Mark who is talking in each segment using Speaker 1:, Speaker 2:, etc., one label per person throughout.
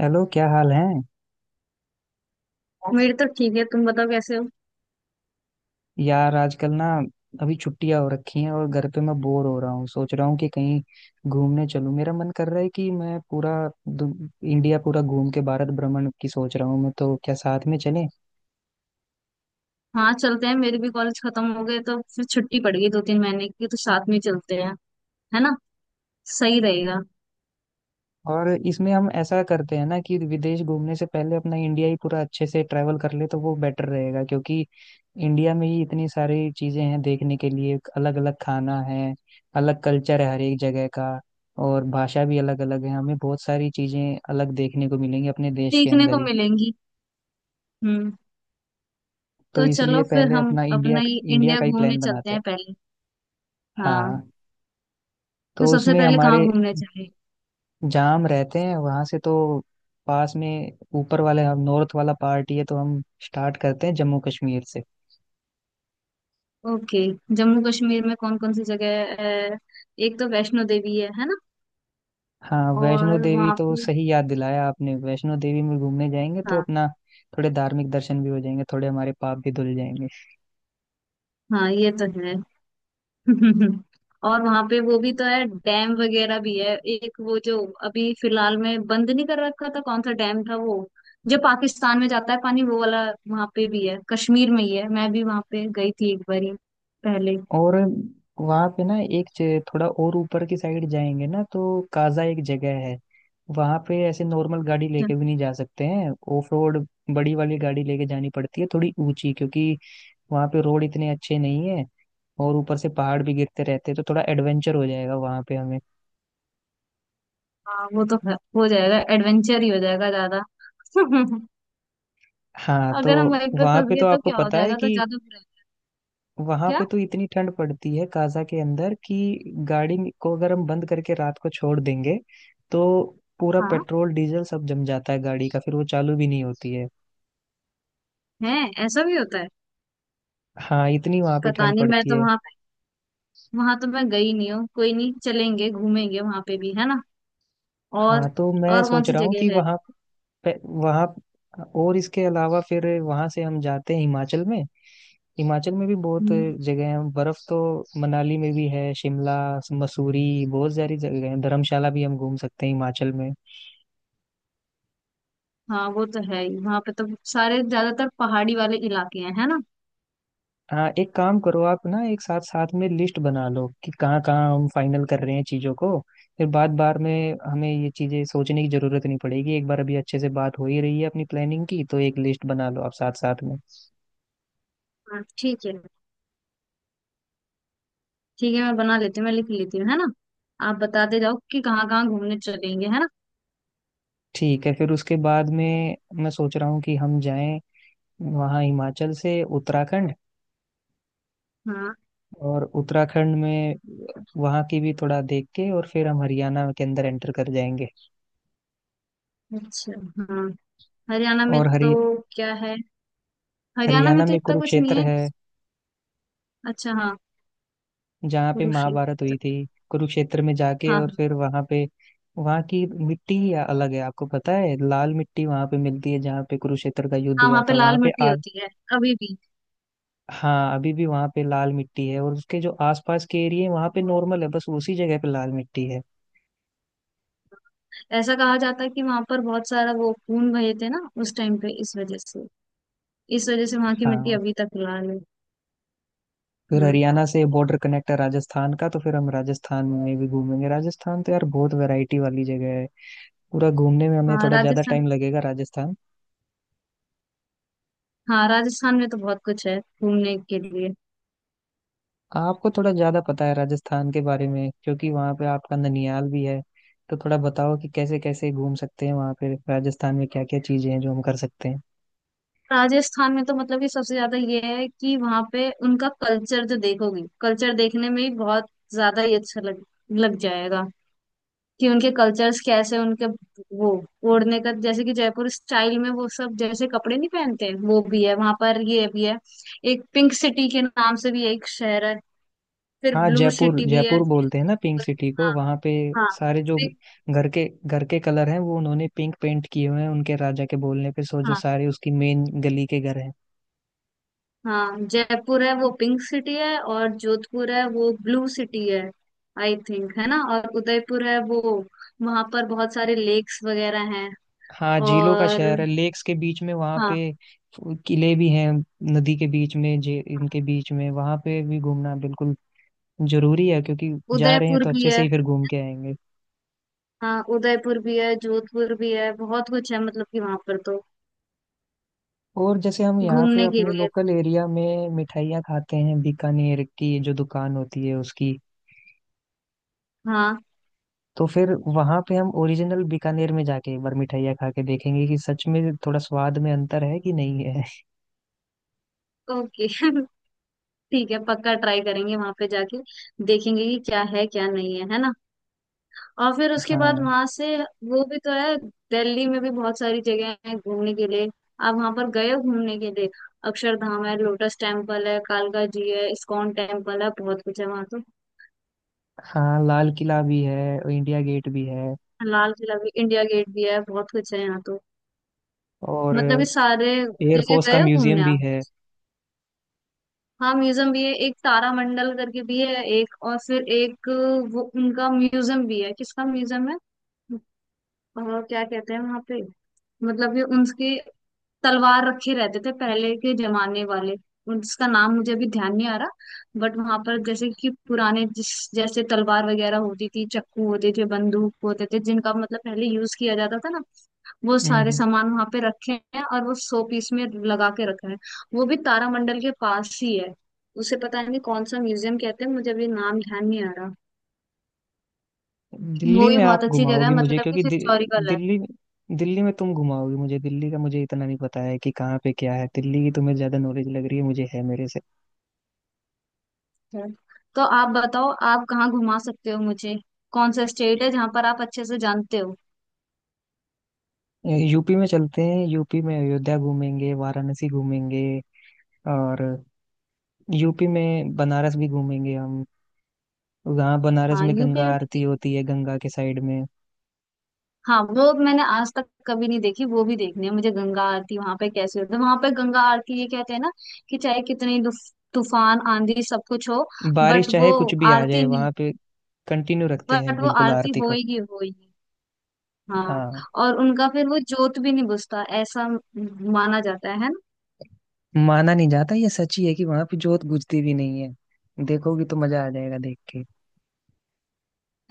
Speaker 1: Hello, क्या हाल है।
Speaker 2: मेरी तो ठीक है। तुम बताओ कैसे हो?
Speaker 1: यार, आजकल ना अभी छुट्टियां हो रखी हैं और घर पे मैं बोर हो रहा हूँ। सोच रहा हूँ कि कहीं घूमने चलूँ। मेरा मन कर रहा है कि मैं पूरा इंडिया पूरा घूम के भारत भ्रमण की सोच रहा हूँ। मैं तो, क्या साथ में चलें।
Speaker 2: हाँ, चलते हैं। मेरे भी कॉलेज खत्म हो गए तो फिर छुट्टी पड़ गई दो तीन महीने की, तो साथ में ही चलते हैं। है ना। सही रहेगा।
Speaker 1: और इसमें हम ऐसा करते हैं ना कि विदेश घूमने से पहले अपना इंडिया ही पूरा अच्छे से ट्रैवल कर ले तो वो बेटर रहेगा, क्योंकि इंडिया में ही इतनी सारी चीजें हैं देखने के लिए। अलग अलग खाना है, अलग कल्चर है हर एक जगह का, और भाषा भी अलग अलग है। हमें बहुत सारी चीजें अलग देखने को मिलेंगी अपने देश के
Speaker 2: सीखने
Speaker 1: अंदर
Speaker 2: को
Speaker 1: ही।
Speaker 2: मिलेंगी। हम्म।
Speaker 1: तो
Speaker 2: तो
Speaker 1: इसलिए
Speaker 2: चलो, फिर
Speaker 1: पहले
Speaker 2: हम
Speaker 1: अपना इंडिया
Speaker 2: अपना ही
Speaker 1: इंडिया
Speaker 2: इंडिया
Speaker 1: का ही
Speaker 2: घूमने
Speaker 1: प्लान
Speaker 2: चलते
Speaker 1: बनाते हैं।
Speaker 2: हैं पहले। हाँ।
Speaker 1: हाँ।
Speaker 2: तो
Speaker 1: तो
Speaker 2: सबसे
Speaker 1: उसमें
Speaker 2: पहले कहाँ
Speaker 1: हमारे
Speaker 2: घूमने चले?
Speaker 1: जाम रहते हैं वहां से, तो पास में ऊपर वाले हम नॉर्थ वाला पार्ट ही है, तो हम स्टार्ट करते हैं जम्मू कश्मीर से।
Speaker 2: ओके। जम्मू कश्मीर में कौन कौन सी जगह है? एक तो वैष्णो देवी है ना?
Speaker 1: हाँ, वैष्णो
Speaker 2: और
Speaker 1: देवी
Speaker 2: वहाँ
Speaker 1: तो
Speaker 2: पे।
Speaker 1: सही याद दिलाया आपने। वैष्णो देवी में घूमने जाएंगे तो
Speaker 2: हाँ।
Speaker 1: अपना थोड़े धार्मिक दर्शन भी हो जाएंगे, थोड़े हमारे पाप भी धुल जाएंगे।
Speaker 2: हाँ, ये तो है। और वहां पे वो भी तो है, डैम वगैरह भी है। एक वो जो अभी फिलहाल में बंद नहीं कर रखा था, कौन सा डैम था वो, जो पाकिस्तान में जाता है पानी, वो वाला। वहां पे भी है, कश्मीर में ही है। मैं भी वहां पे गई थी एक बारी पहले।
Speaker 1: और वहाँ पे ना एक थोड़ा और ऊपर की साइड जाएंगे ना तो काजा एक जगह है। वहाँ पे ऐसे नॉर्मल गाड़ी लेके भी नहीं जा सकते हैं। ऑफ रोड बड़ी वाली गाड़ी लेके जानी पड़ती है, थोड़ी ऊंची, क्योंकि वहाँ पे रोड इतने अच्छे नहीं है। और ऊपर से पहाड़ भी गिरते रहते हैं, तो थोड़ा एडवेंचर हो जाएगा वहाँ पे हमें।
Speaker 2: हाँ, वो तो है, हो जाएगा। एडवेंचर ही हो जाएगा ज्यादा।
Speaker 1: हाँ। तो
Speaker 2: अगर हम वहीं पे
Speaker 1: वहाँ
Speaker 2: फंस
Speaker 1: पे
Speaker 2: गए
Speaker 1: तो
Speaker 2: तो
Speaker 1: आपको
Speaker 2: क्या हो
Speaker 1: पता है
Speaker 2: जाएगा, तो
Speaker 1: कि
Speaker 2: ज्यादा बुरा है।
Speaker 1: वहाँ
Speaker 2: क्या?
Speaker 1: पे तो इतनी ठंड पड़ती है काजा के अंदर कि गाड़ी को अगर हम बंद करके रात को छोड़ देंगे तो पूरा
Speaker 2: हाँ।
Speaker 1: पेट्रोल डीजल सब जम जाता है गाड़ी का, फिर वो चालू भी नहीं होती है।
Speaker 2: है। ऐसा भी होता है।
Speaker 1: हाँ, इतनी वहाँ पे
Speaker 2: पता
Speaker 1: ठंड
Speaker 2: नहीं, मैं
Speaker 1: पड़ती
Speaker 2: तो
Speaker 1: है।
Speaker 2: वहां, वहां तो मैं गई नहीं हूँ। कोई नहीं, चलेंगे घूमेंगे वहां पे भी, है ना।
Speaker 1: हाँ,
Speaker 2: और।
Speaker 1: तो मैं
Speaker 2: और कौन
Speaker 1: सोच
Speaker 2: सी
Speaker 1: रहा हूँ कि
Speaker 2: जगह है?
Speaker 1: वहाँ और इसके अलावा फिर वहाँ से हम जाते हैं हिमाचल में। हिमाचल में भी बहुत
Speaker 2: हम्म,
Speaker 1: जगह हैं, बर्फ तो मनाली में भी है, शिमला, मसूरी, बहुत सारी जगह हैं। धर्मशाला भी हम घूम सकते हैं हिमाचल में।
Speaker 2: हाँ, वो तो है ही, वहाँ पे तो सारे ज्यादातर पहाड़ी वाले इलाके हैं, है ना?
Speaker 1: हाँ, एक काम करो आप ना, एक साथ साथ में लिस्ट बना लो कि कहाँ कहाँ हम फाइनल कर रहे हैं चीज़ों को। फिर बार बार में हमें ये चीज़ें सोचने की जरूरत नहीं पड़ेगी। एक बार अभी अच्छे से बात हो ही रही है अपनी प्लानिंग की, तो एक लिस्ट बना लो आप साथ साथ में।
Speaker 2: हाँ, ठीक है। ठीक है, मैं बना लेती हूँ, मैं लिख लेती हूँ, है ना। आप बताते जाओ कि कहाँ कहाँ घूमने चलेंगे, है ना।
Speaker 1: ठीक है, फिर उसके बाद में मैं सोच रहा हूँ कि हम जाएं वहाँ हिमाचल से उत्तराखंड।
Speaker 2: हाँ।
Speaker 1: और उत्तराखंड में वहाँ की भी थोड़ा देख के और फिर हम हरियाणा के अंदर एंटर कर जाएंगे।
Speaker 2: अच्छा, हाँ। हरियाणा में
Speaker 1: और
Speaker 2: तो
Speaker 1: हरि
Speaker 2: क्या है? हरियाणा में
Speaker 1: हरियाणा
Speaker 2: तो
Speaker 1: में
Speaker 2: इतना कुछ नहीं
Speaker 1: कुरुक्षेत्र
Speaker 2: है।
Speaker 1: है,
Speaker 2: अच्छा, हाँ।
Speaker 1: जहाँ पे महाभारत हुई
Speaker 2: कुरुक्षेत्र।
Speaker 1: थी। कुरुक्षेत्र में जाके
Speaker 2: हाँ,
Speaker 1: और
Speaker 2: हाँ।
Speaker 1: फिर वहाँ पे वहाँ की मिट्टी ही अलग है। आपको पता है, लाल मिट्टी वहाँ पे मिलती है जहाँ पे कुरुक्षेत्र का युद्ध
Speaker 2: हाँ,
Speaker 1: हुआ
Speaker 2: वहाँ पे
Speaker 1: था, वहाँ
Speaker 2: लाल
Speaker 1: पे
Speaker 2: मिट्टी
Speaker 1: आ
Speaker 2: होती है, अभी भी।
Speaker 1: हाँ, अभी भी वहाँ पे लाल मिट्टी है। और उसके जो आसपास के एरिया है वहाँ पे नॉर्मल है, बस उसी जगह पे लाल मिट्टी है।
Speaker 2: ऐसा कहा जाता है कि वहां पर बहुत सारा वो खून बहे थे ना उस टाइम पे, इस वजह से वहां की मिट्टी
Speaker 1: हाँ,
Speaker 2: अभी तक लाल है।
Speaker 1: फिर
Speaker 2: हाँ।
Speaker 1: हरियाणा से बॉर्डर कनेक्ट है राजस्थान का, तो फिर हम राजस्थान में भी घूमेंगे। राजस्थान तो यार बहुत वैरायटी वाली जगह है, पूरा घूमने में हमें
Speaker 2: हाँ,
Speaker 1: थोड़ा ज्यादा
Speaker 2: राजस्थान।
Speaker 1: टाइम लगेगा। राजस्थान
Speaker 2: हाँ, राजस्थान में तो बहुत कुछ है घूमने के लिए।
Speaker 1: आपको थोड़ा ज्यादा पता है राजस्थान के बारे में, क्योंकि वहाँ पे आपका ननियाल भी है। तो थोड़ा बताओ कि कैसे कैसे घूम सकते हैं वहाँ पे, राजस्थान में क्या क्या चीजें हैं जो हम कर सकते हैं।
Speaker 2: राजस्थान में तो मतलब कि सबसे ज्यादा ये है कि वहाँ पे उनका कल्चर, जो देखोगी कल्चर देखने में ही बहुत ज्यादा ही अच्छा लग लग जाएगा। कि उनके कल्चर्स कैसे, उनके वो ओढ़ने का जैसे कि, जयपुर स्टाइल में वो सब जैसे कपड़े नहीं पहनते, वो भी है वहां पर, ये भी है। एक पिंक सिटी के नाम से भी एक शहर है। फिर
Speaker 1: हाँ,
Speaker 2: ब्लू
Speaker 1: जयपुर
Speaker 2: सिटी भी है।
Speaker 1: जयपुर बोलते हैं ना पिंक सिटी को।
Speaker 2: हाँ,
Speaker 1: वहाँ पे
Speaker 2: हाँ।
Speaker 1: सारे जो
Speaker 2: pink-
Speaker 1: घर के कलर हैं वो उन्होंने पिंक पेंट किए हुए हैं उनके राजा के बोलने पे, सो जो
Speaker 2: हाँ,
Speaker 1: सारे उसकी मेन गली के घर हैं।
Speaker 2: हाँ, जयपुर है वो पिंक सिटी है, और जोधपुर है वो ब्लू सिटी है। आई थिंक, है ना। और उदयपुर है वो, वहां पर बहुत सारे लेक्स वगैरह हैं।
Speaker 1: हाँ, झीलों का
Speaker 2: और।
Speaker 1: शहर है, लेक्स के बीच में वहाँ
Speaker 2: हाँ,
Speaker 1: पे किले भी हैं, नदी के बीच में जे इनके बीच में। वहाँ पे भी घूमना बिल्कुल जरूरी है, क्योंकि जा रहे हैं
Speaker 2: उदयपुर
Speaker 1: तो
Speaker 2: भी
Speaker 1: अच्छे से
Speaker 2: है।
Speaker 1: ही फिर घूम के आएंगे।
Speaker 2: हाँ, उदयपुर भी है, जोधपुर भी है, बहुत कुछ है मतलब कि वहां पर तो
Speaker 1: और जैसे हम यहाँ पे
Speaker 2: घूमने के
Speaker 1: अपने
Speaker 2: लिए।
Speaker 1: लोकल एरिया में मिठाइयाँ खाते हैं, बीकानेर की जो दुकान होती है उसकी,
Speaker 2: हाँ।
Speaker 1: तो फिर वहाँ पे हम ओरिजिनल बीकानेर में जाके एक बार मिठाइयाँ खा के देखेंगे कि सच में थोड़ा स्वाद में अंतर है कि नहीं है।
Speaker 2: ओके, ठीक है, पक्का ट्राई करेंगे वहां पे जाके, देखेंगे कि क्या है क्या नहीं है, है ना। और फिर उसके बाद
Speaker 1: हाँ।
Speaker 2: वहां से वो भी तो है। दिल्ली में भी बहुत सारी जगह है घूमने के लिए। आप वहां पर गए हो घूमने के लिए? अक्षरधाम है, लोटस टेम्पल है, कालका जी है, इस्कॉन टेम्पल है, बहुत कुछ है वहां तो।
Speaker 1: हाँ, लाल किला भी है, इंडिया गेट भी है,
Speaker 2: लाल किला भी, इंडिया गेट भी है, बहुत कुछ है यहाँ तो।
Speaker 1: और
Speaker 2: मतलब ये सारे जगह
Speaker 1: एयरफोर्स का
Speaker 2: गए हो
Speaker 1: म्यूजियम
Speaker 2: घूमने
Speaker 1: भी
Speaker 2: आप?
Speaker 1: है।
Speaker 2: हाँ, म्यूजियम भी है एक, तारामंडल करके भी है एक, और फिर एक। वो उनका म्यूजियम भी है, किसका म्यूजियम है? और क्या कहते हैं वहां पे? मतलब ये उनकी, तलवार रखे रहते थे पहले के जमाने वाले, उसका नाम मुझे अभी ध्यान नहीं आ रहा। बट वहां पर जैसे कि पुराने जिस जैसे तलवार वगैरह होती थी, चक्कू होते थे, बंदूक होते थे, जिनका मतलब पहले यूज किया जाता था ना। वो सारे
Speaker 1: हम्म।
Speaker 2: सामान वहां पे रखे हैं, और वो 100 पीस में लगा के रखा है। वो भी तारामंडल के पास ही है। उसे पता नहीं कौन सा म्यूजियम कहते हैं, मुझे अभी नाम ध्यान नहीं आ रहा।
Speaker 1: दिल्ली
Speaker 2: वो भी
Speaker 1: में आप
Speaker 2: बहुत अच्छी जगह
Speaker 1: घुमाओगी
Speaker 2: है,
Speaker 1: मुझे,
Speaker 2: मतलब कि
Speaker 1: क्योंकि
Speaker 2: हिस्टोरिकल है।
Speaker 1: दिल्ली, दिल्ली में तुम घुमाओगी मुझे। दिल्ली का मुझे इतना नहीं पता है कि कहाँ पे क्या है। दिल्ली की तुम्हें ज्यादा नॉलेज लग रही है, मुझे है मेरे से।
Speaker 2: है। तो आप बताओ, आप कहाँ घुमा सकते हो मुझे? कौन सा स्टेट है जहाँ पर आप अच्छे से जानते हो?
Speaker 1: यूपी में चलते हैं। यूपी में अयोध्या घूमेंगे, वाराणसी घूमेंगे, और यूपी में बनारस भी घूमेंगे हम। वहाँ बनारस
Speaker 2: हाँ,
Speaker 1: में
Speaker 2: यूपी
Speaker 1: गंगा
Speaker 2: में भी
Speaker 1: आरती
Speaker 2: जगह।
Speaker 1: होती है, गंगा के साइड में
Speaker 2: हाँ, वो मैंने आज तक कभी नहीं देखी, वो भी देखनी है मुझे, गंगा आरती वहां पे कैसे होती है। वहां पे गंगा आरती, ये कहते हैं ना कि चाहे कितनी तूफान आंधी सब कुछ हो।
Speaker 1: बारिश
Speaker 2: बट
Speaker 1: चाहे
Speaker 2: वो
Speaker 1: कुछ भी आ
Speaker 2: आरती
Speaker 1: जाए,
Speaker 2: नहीं।
Speaker 1: वहाँ पे कंटिन्यू रखते हैं
Speaker 2: बट वो
Speaker 1: बिल्कुल
Speaker 2: आरती
Speaker 1: आरती को।
Speaker 2: होएगी, होएगी। हाँ।
Speaker 1: हाँ,
Speaker 2: और उनका फिर वो जोत भी नहीं बुझता, ऐसा माना जाता है।
Speaker 1: माना नहीं जाता, ये सच ही है कि वहां पे जोत बुझती भी नहीं है। देखोगी तो मजा आ जाएगा देख के।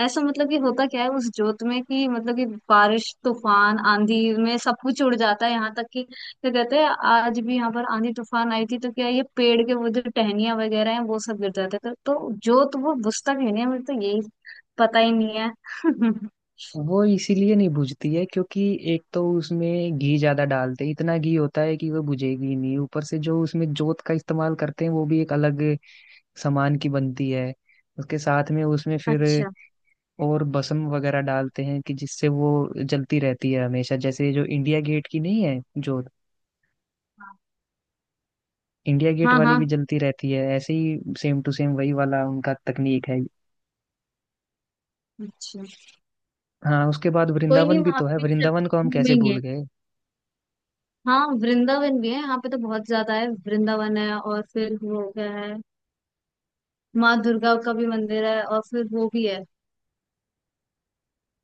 Speaker 2: ऐसा मतलब कि होता क्या है उस जोत में कि, मतलब कि बारिश तूफान आंधी में सब कुछ उड़ जाता है, यहाँ तक कि क्या कहते हैं, आज भी यहाँ पर आंधी तूफान आई थी तो क्या है, ये पेड़ के वो जो टहनियां वगैरह हैं वो सब गिर जाते हैं, तो जोत वो बुझता कहीं नहीं है, मुझे तो यही पता ही नहीं है।
Speaker 1: वो इसीलिए नहीं बुझती है क्योंकि एक तो उसमें घी ज्यादा डालते हैं, इतना घी होता है कि वो बुझेगी ही नहीं। ऊपर से जो उसमें जोत का इस्तेमाल करते हैं वो भी एक अलग सामान की बनती है। उसके साथ में उसमें फिर
Speaker 2: अच्छा।
Speaker 1: और भस्म वगैरह डालते हैं कि जिससे वो जलती रहती है हमेशा, जैसे जो इंडिया गेट की नहीं है जोत, इंडिया गेट
Speaker 2: हाँ,
Speaker 1: वाली
Speaker 2: हाँ।
Speaker 1: भी जलती रहती है, ऐसे ही सेम टू सेम वही वाला उनका तकनीक है।
Speaker 2: अच्छा।
Speaker 1: हाँ, उसके बाद
Speaker 2: कोई नहीं,
Speaker 1: वृंदावन भी
Speaker 2: वहां
Speaker 1: तो
Speaker 2: पे
Speaker 1: है,
Speaker 2: भी चल
Speaker 1: वृंदावन
Speaker 2: के
Speaker 1: को हम कैसे भूल
Speaker 2: घूमेंगे।
Speaker 1: गए।
Speaker 2: हाँ, वृंदावन भी है, यहाँ पे तो बहुत ज्यादा है, वृंदावन है, और फिर वो क्या है, माँ दुर्गा का भी मंदिर है, और फिर वो भी है।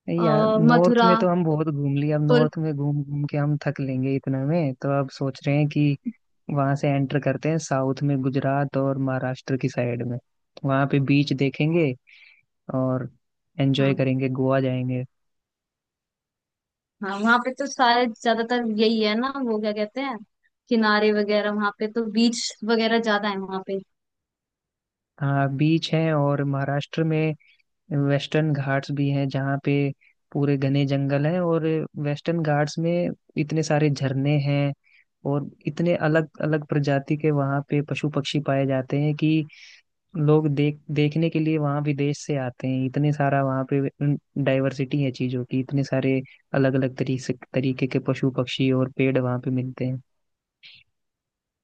Speaker 1: नहीं
Speaker 2: अ,
Speaker 1: यार, नॉर्थ
Speaker 2: मथुरा।
Speaker 1: में तो हम बहुत घूम लिए, अब
Speaker 2: बिल्कुल।
Speaker 1: नॉर्थ में घूम घूम के हम थक लेंगे इतने में, तो अब सोच रहे हैं कि वहां से एंटर करते हैं साउथ में, गुजरात और महाराष्ट्र की साइड में। वहां पे बीच देखेंगे और
Speaker 2: हाँ,
Speaker 1: एंजॉय करेंगे, गोवा जाएंगे।
Speaker 2: हाँ, वहां पे तो सारे ज्यादातर यही है ना, वो क्या कहते हैं, किनारे वगैरह, वहां पे तो बीच वगैरह ज्यादा है वहां पे।
Speaker 1: हाँ, बीच है, और महाराष्ट्र में वेस्टर्न घाट्स भी हैं जहाँ पे पूरे घने जंगल हैं। और वेस्टर्न घाट्स में इतने सारे झरने हैं, और इतने अलग अलग प्रजाति के वहाँ पे पशु पक्षी पाए जाते हैं कि लोग देखने के लिए वहाँ विदेश से आते हैं। इतने सारा वहाँ पे डाइवर्सिटी है चीज़ों की, इतने सारे अलग अलग तरीके तरीके के पशु पक्षी और पेड़ वहाँ पे मिलते हैं।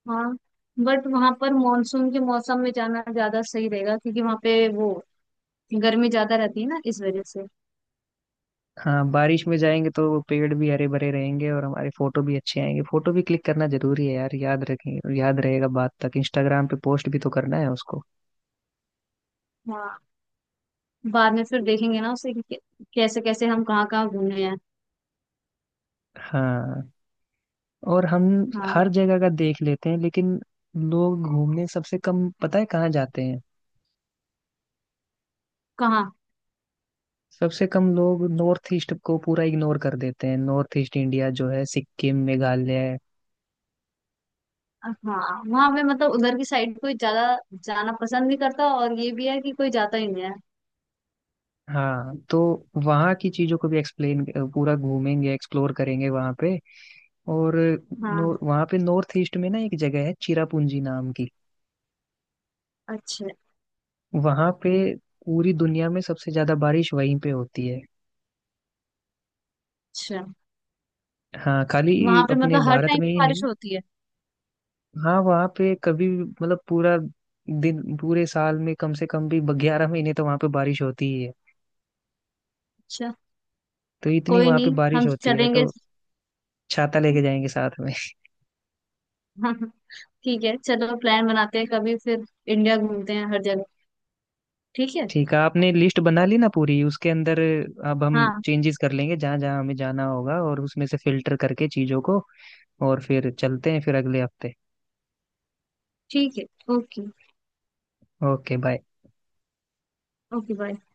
Speaker 2: हाँ। बट वहां पर मानसून के मौसम में जाना ज्यादा सही रहेगा, क्योंकि वहां पे वो गर्मी ज्यादा रहती है ना, इस वजह से।
Speaker 1: हाँ, बारिश में जाएंगे तो वो पेड़ भी हरे भरे रहेंगे और हमारे फोटो भी अच्छे आएंगे। फोटो भी क्लिक करना जरूरी है यार, याद रखें, याद रहेगा बाद तक। इंस्टाग्राम पे पोस्ट भी तो करना है उसको।
Speaker 2: हाँ। बाद में फिर देखेंगे ना उसे कि कैसे कैसे हम कहाँ कहाँ घूमे हैं।
Speaker 1: हाँ, और हम हर
Speaker 2: हाँ।
Speaker 1: जगह का देख लेते हैं, लेकिन लोग घूमने सबसे कम पता है कहाँ जाते हैं।
Speaker 2: कहाँ?
Speaker 1: सबसे कम लोग नॉर्थ ईस्ट को पूरा इग्नोर कर देते हैं। नॉर्थ ईस्ट इंडिया जो है, सिक्किम, मेघालय,
Speaker 2: हाँ, वहां पे मतलब उधर की साइड कोई ज्यादा जाना पसंद नहीं करता, और ये भी है कि कोई जाता ही नहीं है।
Speaker 1: हाँ। तो वहाँ की चीजों को भी एक्सप्लेन, पूरा घूमेंगे, एक्सप्लोर करेंगे वहाँ पे। और नो,
Speaker 2: हाँ।
Speaker 1: वहाँ पे नॉर्थ ईस्ट में ना एक जगह है चिरापुंजी नाम की।
Speaker 2: अच्छा।
Speaker 1: वहाँ पे पूरी दुनिया में सबसे ज्यादा बारिश वहीं पे होती है।
Speaker 2: अच्छा,
Speaker 1: हाँ, खाली
Speaker 2: वहां पे
Speaker 1: अपने
Speaker 2: मतलब हर
Speaker 1: भारत
Speaker 2: टाइम
Speaker 1: में
Speaker 2: पे
Speaker 1: ही नहीं।
Speaker 2: बारिश होती है?
Speaker 1: हाँ, वहाँ पे कभी भी, मतलब पूरा दिन, पूरे साल में कम से कम भी 11 महीने तो वहाँ पे बारिश होती ही है।
Speaker 2: अच्छा,
Speaker 1: तो इतनी
Speaker 2: कोई
Speaker 1: वहाँ पे
Speaker 2: नहीं,
Speaker 1: बारिश
Speaker 2: हम
Speaker 1: होती है,
Speaker 2: चलेंगे।
Speaker 1: तो छाता लेके जाएंगे साथ में।
Speaker 2: हाँ, हाँ, ठीक है, चलो प्लान बनाते हैं कभी, फिर इंडिया घूमते हैं हर जगह। ठीक है।
Speaker 1: ठीक है, आपने लिस्ट बना ली ना पूरी, उसके अंदर अब हम
Speaker 2: हाँ,
Speaker 1: चेंजेस कर लेंगे जहाँ जहाँ हमें जाना होगा, और उसमें से फिल्टर करके चीजों को। और फिर चलते हैं फिर अगले हफ्ते।
Speaker 2: ठीक है। Okay.
Speaker 1: Okay bye.
Speaker 2: Okay, bye.